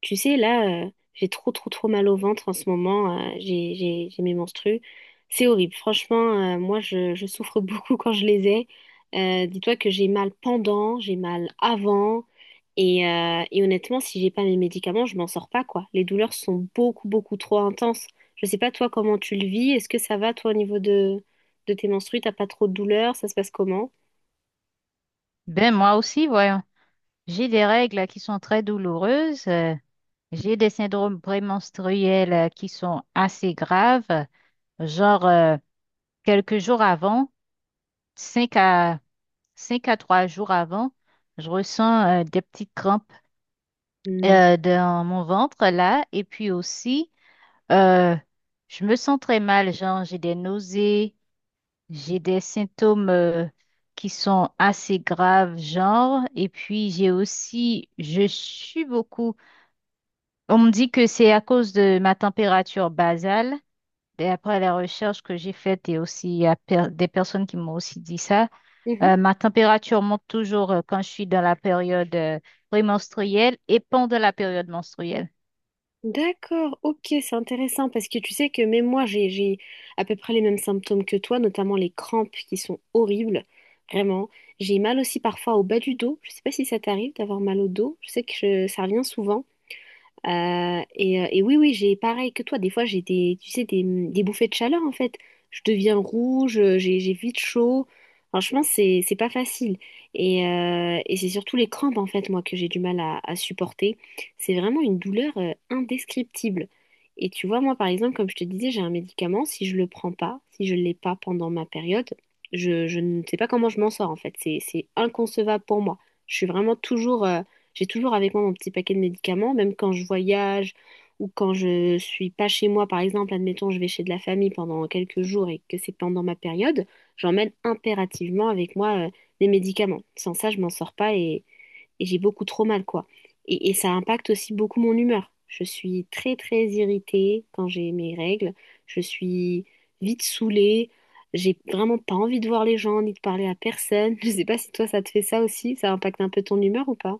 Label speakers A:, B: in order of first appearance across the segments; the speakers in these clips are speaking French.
A: Tu sais, là, j'ai trop, trop, trop mal au ventre en ce moment. J'ai mes menstrues. C'est horrible. Franchement, moi, je souffre beaucoup quand je les ai. Dis-toi que j'ai mal pendant, j'ai mal avant. Et honnêtement, si j'ai pas mes médicaments, je m'en sors pas, quoi. Les douleurs sont beaucoup, beaucoup trop intenses. Je sais pas, toi, comment tu le vis. Est-ce que ça va, toi, au niveau de tes menstrues? T'as pas trop de douleurs? Ça se passe comment?
B: Ben moi aussi, voyons. J'ai des règles qui sont très douloureuses. J'ai des syndromes prémenstruels qui sont assez graves. Genre, euh, quelques jours avant, 5 à, 5 à 3 jours avant, je ressens des petites crampes dans mon ventre là. Et puis aussi, euh, je me sens très mal. Genre, j'ai des nausées. J'ai des symptômes qui sont assez graves, genre, et puis j'ai aussi, je suis beaucoup. On me dit que c'est à cause de ma température basale. D'après les recherches que j'ai faites, et aussi il y a des personnes qui m'ont aussi dit ça,
A: Hmm.
B: ma température monte toujours quand je suis dans la période prémenstruelle et pendant la période menstruelle.
A: D'accord, ok, c'est intéressant parce que tu sais que même moi j'ai à peu près les mêmes symptômes que toi, notamment les crampes qui sont horribles, vraiment. J'ai mal aussi parfois au bas du dos. Je sais pas si ça t'arrive d'avoir mal au dos. Je sais que ça revient souvent. Et oui, oui, j'ai pareil que toi. Des fois, j'ai des, tu sais, des bouffées de chaleur en fait. Je deviens rouge, j'ai vite chaud. Franchement, c'est pas facile. Et c'est surtout les crampes en fait, moi, que j'ai du mal à supporter. C'est vraiment une douleur indescriptible. Et tu vois, moi, par exemple, comme je te disais, j'ai un médicament. Si je le prends pas, si je l'ai pas pendant ma période, je ne sais pas comment je m'en sors en fait. C'est inconcevable pour moi. Je suis vraiment toujours J'ai toujours avec moi mon petit paquet de médicaments, même quand je voyage ou quand je suis pas chez moi, par exemple, admettons, je vais chez de la famille pendant quelques jours et que c'est pendant ma période, j'emmène impérativement avec moi des médicaments. Sans ça, je m'en sors pas et j'ai beaucoup trop mal, quoi. Et ça impacte aussi beaucoup mon humeur. Je suis très, très irritée quand j'ai mes règles. Je suis vite saoulée. J'ai vraiment pas envie de voir les gens ni de parler à personne. Je sais pas si toi, ça te fait ça aussi. Ça impacte un peu ton humeur ou pas?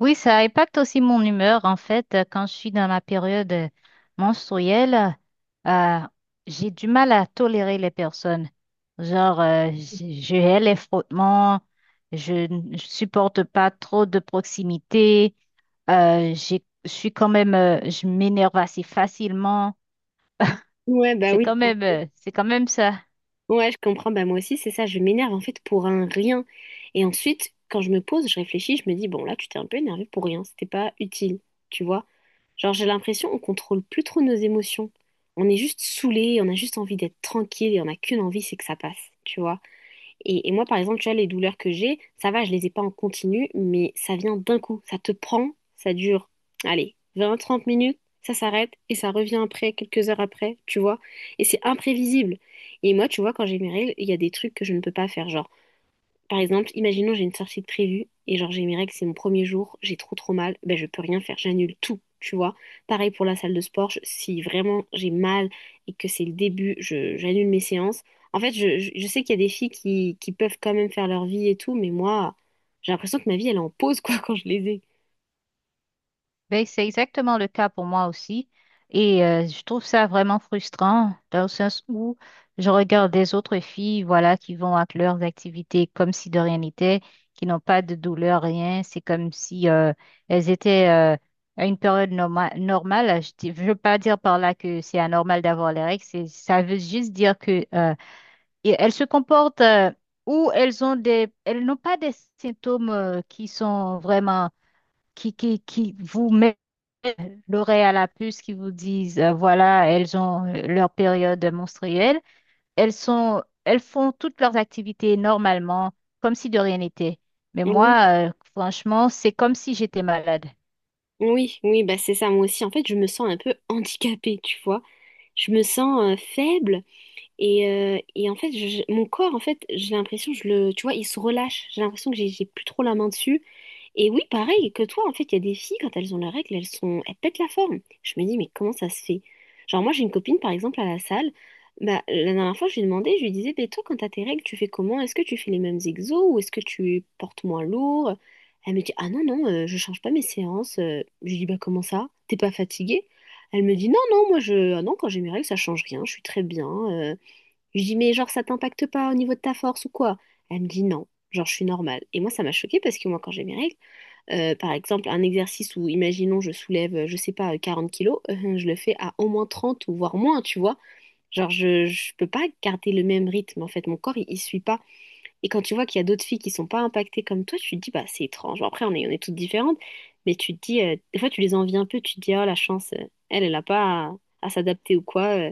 B: Oui, ça impacte aussi mon humeur. En fait, quand je suis dans ma période menstruelle, euh, j'ai du mal à tolérer les personnes. Je hais les frottements, je ne supporte pas trop de proximité, je suis quand même, je m'énerve assez facilement.
A: Ouais, bah oui.
B: C'est quand même ça.
A: Ouais, je comprends. Bah moi aussi, c'est ça. Je m'énerve en fait pour un rien. Et ensuite, quand je me pose, je réfléchis, je me dis, bon, là, tu t'es un peu énervé pour rien. C'était pas utile. Tu vois? Genre, j'ai l'impression on contrôle plus trop nos émotions. On est juste saoulé, on a juste envie d'être tranquille et on n'a qu'une envie, c'est que ça passe. Tu vois? Et moi, par exemple, tu vois, les douleurs que j'ai, ça va, je les ai pas en continu, mais ça vient d'un coup. Ça te prend, ça dure, allez, 20, 30 minutes, ça s'arrête et ça revient après, quelques heures après, tu vois. Et c'est imprévisible. Et moi, tu vois, quand j'ai mes règles, il y a des trucs que je ne peux pas faire. Genre, par exemple, imaginons j'ai une sortie de prévue et genre j'ai mes règles, c'est mon premier jour, j'ai trop trop mal, ben je peux rien faire, j'annule tout, tu vois. Pareil pour la salle de sport, si vraiment j'ai mal et que c'est le début, je j'annule mes séances. En fait, je sais qu'il y a des filles qui peuvent quand même faire leur vie et tout, mais moi, j'ai l'impression que ma vie elle est en pause quoi quand je les ai.
B: Ben, c'est exactement le cas pour moi aussi. Et je trouve ça vraiment frustrant dans le sens où je regarde des autres filles, voilà, qui vont à leurs activités comme si de rien n'était, qui n'ont pas de douleur, rien. C'est comme si elles étaient à une période normale. Je ne veux pas dire par là que c'est anormal d'avoir les règles. Ça veut juste dire que et elles se comportent ou elles ont des, elles n'ont pas des symptômes qui sont vraiment qui vous mettent l'oreille à la puce qui vous disent, voilà, elles ont leur période menstruelle. Elles sont, elles font toutes leurs activités normalement, comme si de rien n'était. Mais
A: Oui.
B: moi, franchement, c'est comme si j'étais malade.
A: Oui, oui, bah c'est ça, moi aussi. En fait, je me sens un peu handicapée, tu vois. Je me sens faible. Et en fait, mon corps, en fait, j'ai l'impression, tu vois, il se relâche. J'ai l'impression que j'ai plus trop la main dessus. Et oui, pareil que toi, en fait, il y a des filles, quand elles ont leurs règles, elles pètent la forme. Je me dis, mais comment ça se fait? Genre, moi, j'ai une copine, par exemple, à la salle. Bah, la dernière fois, je lui ai demandé, je lui disais, mais toi, quand t'as tes règles, tu fais comment? Est-ce que tu fais les mêmes exos ou est-ce que tu portes moins lourd? Elle me dit, ah non, non, je change pas mes séances. Je lui dis, bah, comment ça? T'es pas fatiguée? Elle me dit, non, non, moi, ah non, quand j'ai mes règles, ça change rien. Je suis très bien. Je lui dis, mais genre, ça t'impacte pas au niveau de ta force ou quoi? Elle me dit non, genre, je suis normale. Et moi, ça m'a choquée parce que moi, quand j'ai mes règles, par exemple, un exercice où, imaginons, je soulève, je sais pas, 40 kilos, je le fais à au moins 30 ou voire moins, tu vois. Genre, je peux pas garder le même rythme, en fait, mon corps, il suit pas. Et quand tu vois qu'il y a d'autres filles qui sont pas impactées comme toi, tu te dis, bah, c'est étrange. Bon, après, on est toutes différentes, mais tu te dis, des fois, tu les envies un peu, tu te dis, oh, la chance, elle a pas à s'adapter ou quoi. euh,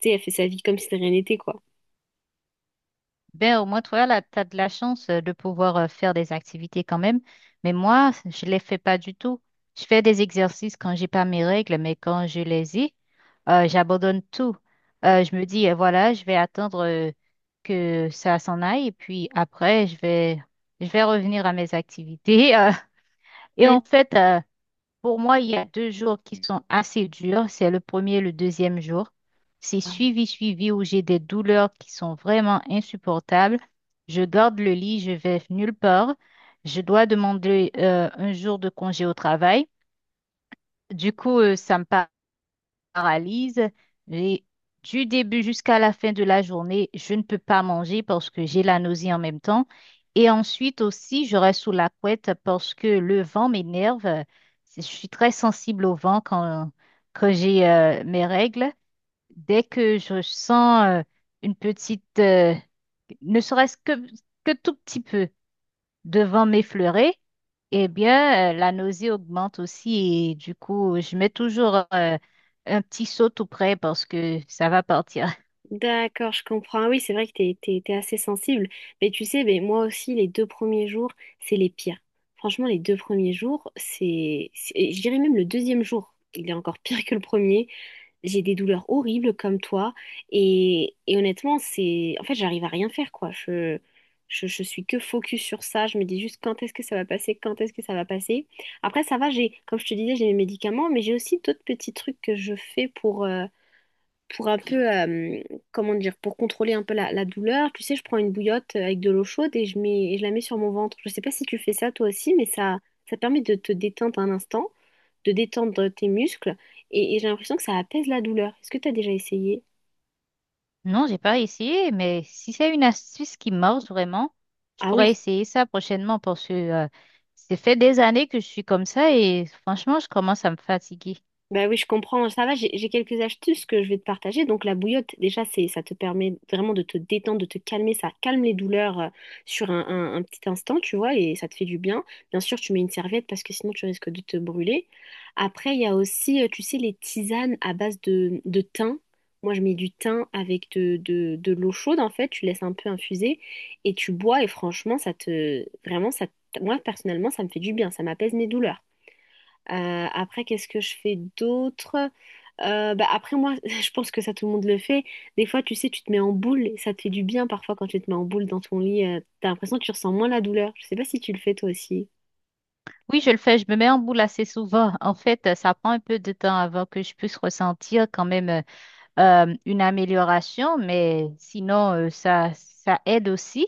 A: tu sais, elle fait sa vie comme si de rien n'était, quoi.
B: Ben, au moins, toi, là, tu as de la chance de pouvoir faire des activités quand même. Mais moi, je les fais pas du tout. Je fais des exercices quand j'ai pas mes règles, mais quand je les ai, j'abandonne tout. Je me dis, voilà, je vais attendre que ça s'en aille et puis après, je vais revenir à mes activités. Et en fait, pour moi, il y a 2 jours qui sont assez durs. C'est le premier et le deuxième jour. C'est suivi où j'ai des douleurs qui sont vraiment insupportables. Je garde le lit, je vais nulle part. Je dois demander un jour de congé au travail. Du coup, ça me paraît paralyse. J'ai- du début jusqu'à la fin de la journée, je ne peux pas manger parce que j'ai la nausée en même temps. Et ensuite aussi, je reste sous la couette parce que le vent m'énerve. Je suis très sensible au vent quand j'ai mes règles. Dès que je sens une petite, ne serait-ce que, tout petit peu devant m'effleurer, eh bien, la nausée augmente aussi et du coup, je mets toujours un petit seau tout près parce que ça va partir.
A: D'accord, je comprends. Ah oui, c'est vrai que t'es assez sensible. Mais tu sais, moi aussi, les deux premiers jours, c'est les pires. Franchement, les deux premiers jours, je dirais même le deuxième jour, il est encore pire que le premier. J'ai des douleurs horribles comme toi. Et honnêtement, en fait, j'arrive à rien faire, quoi. Je suis que focus sur ça. Je me dis juste quand est-ce que ça va passer, quand est-ce que ça va passer. Après, ça va, comme je te disais, j'ai mes médicaments, mais j'ai aussi d'autres petits trucs que je fais pour un peu, comment dire, pour contrôler un peu la douleur, tu sais, je prends une bouillotte avec de l'eau chaude et je la mets sur mon ventre. Je sais pas si tu fais ça toi aussi, mais ça permet de te détendre un instant, de détendre tes muscles et j'ai l'impression que ça apaise la douleur. Est-ce que tu as déjà essayé?
B: Non, j'ai pas essayé, mais si c'est une astuce qui marche vraiment, je
A: Ah
B: pourrais
A: oui.
B: essayer ça prochainement parce que ça fait des années que je suis comme ça et franchement, je commence à me fatiguer.
A: Bah oui, je comprends. Ça va, j'ai quelques astuces que je vais te partager. Donc la bouillotte, déjà, ça te permet vraiment de te détendre, de te calmer. Ça calme les douleurs sur un petit instant, tu vois, et ça te fait du bien. Bien sûr, tu mets une serviette parce que sinon tu risques de te brûler. Après, il y a aussi, tu sais, les tisanes à base de thym. Moi, je mets du thym avec de l'eau chaude, en fait. Tu laisses un peu infuser et tu bois. Et franchement, ça te... Vraiment, ça... te- moi, personnellement, ça me fait du bien. Ça m'apaise mes douleurs. Après, qu'est-ce que je fais d'autre? Bah, après, moi, je pense que ça, tout le monde le fait. Des fois, tu sais, tu te mets en boule et ça te fait du bien parfois quand tu te mets en boule dans ton lit. T'as l'impression que tu ressens moins la douleur. Je sais pas si tu le fais toi aussi.
B: Oui, je le fais, je me mets en boule assez souvent. En fait, ça prend un peu de temps avant que je puisse ressentir quand même une amélioration, mais sinon, ça aide aussi.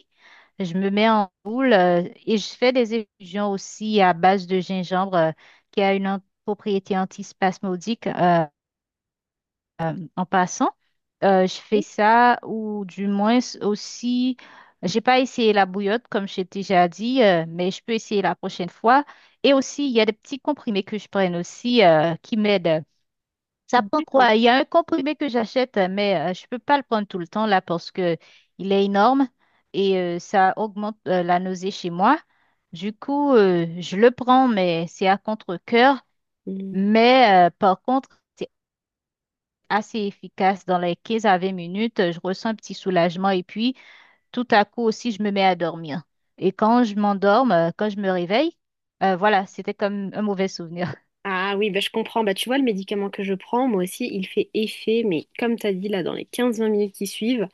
B: Je me mets en boule et je fais des infusions aussi à base de gingembre qui a une propriété antispasmodique en passant. Je fais
A: Oui,
B: ça ou du moins aussi, j'ai pas essayé la bouillotte comme j'ai déjà dit, mais je peux essayer la prochaine fois. Et aussi, il y a des petits comprimés que je prenne aussi qui m'aident. Ça prend
A: d'accord.
B: quoi? Il y a un comprimé que j'achète, mais je peux pas le prendre tout le temps là parce que il est énorme et ça augmente la nausée chez moi. Du coup, je le prends, mais c'est à contre-cœur.
A: Hmm.
B: Mais par contre, c'est assez efficace. Dans les 15 à 20 minutes, je ressens un petit soulagement et puis tout à coup aussi, je me mets à dormir. Et quand je m'endorme, quand je me réveille, voilà, c'était comme un mauvais souvenir.
A: Ah oui, bah, je comprends. Bah, tu vois, le médicament que je prends, moi aussi, il fait effet, mais comme tu as dit là, dans les 15-20 minutes qui suivent.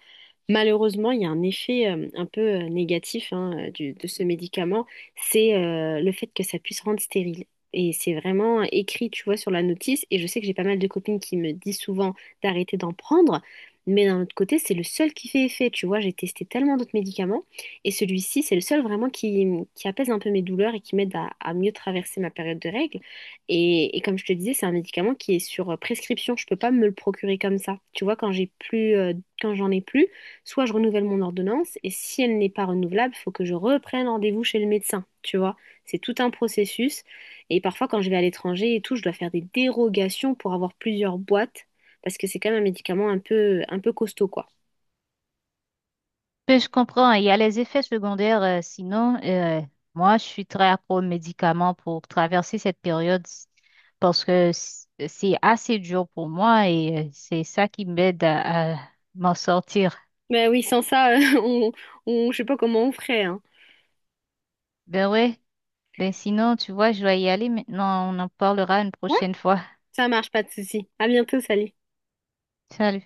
A: Malheureusement, il y a un effet un peu négatif hein, de ce médicament, c'est le fait que ça puisse rendre stérile. Et c'est vraiment écrit, tu vois, sur la notice. Et je sais que j'ai pas mal de copines qui me disent souvent d'arrêter d'en prendre. Mais d'un autre côté, c'est le seul qui fait effet. Tu vois, j'ai testé tellement d'autres médicaments. Et celui-ci, c'est le seul vraiment qui apaise un peu mes douleurs et qui m'aide à mieux traverser ma période de règles. Et comme je te disais, c'est un médicament qui est sur prescription. Je peux pas me le procurer comme ça. Tu vois, quand j'en ai plus, soit je renouvelle mon ordonnance, et si elle n'est pas renouvelable, il faut que je reprenne rendez-vous chez le médecin, tu vois. C'est tout un processus. Et parfois, quand je vais à l'étranger et tout, je dois faire des dérogations pour avoir plusieurs boîtes, parce que c'est quand même un médicament un peu costaud, quoi.
B: Mais je comprends, il y a les effets secondaires. Moi, je suis très accro aux médicaments pour traverser cette période parce que c'est assez dur pour moi et c'est ça qui m'aide à m'en sortir.
A: Ben oui, sans ça, on, je sais pas comment on ferait, hein.
B: Ben ouais, ben sinon, tu vois, je dois y aller maintenant. On en parlera une
A: Ouais.
B: prochaine fois.
A: Ça marche, pas de souci. À bientôt, salut.
B: Salut.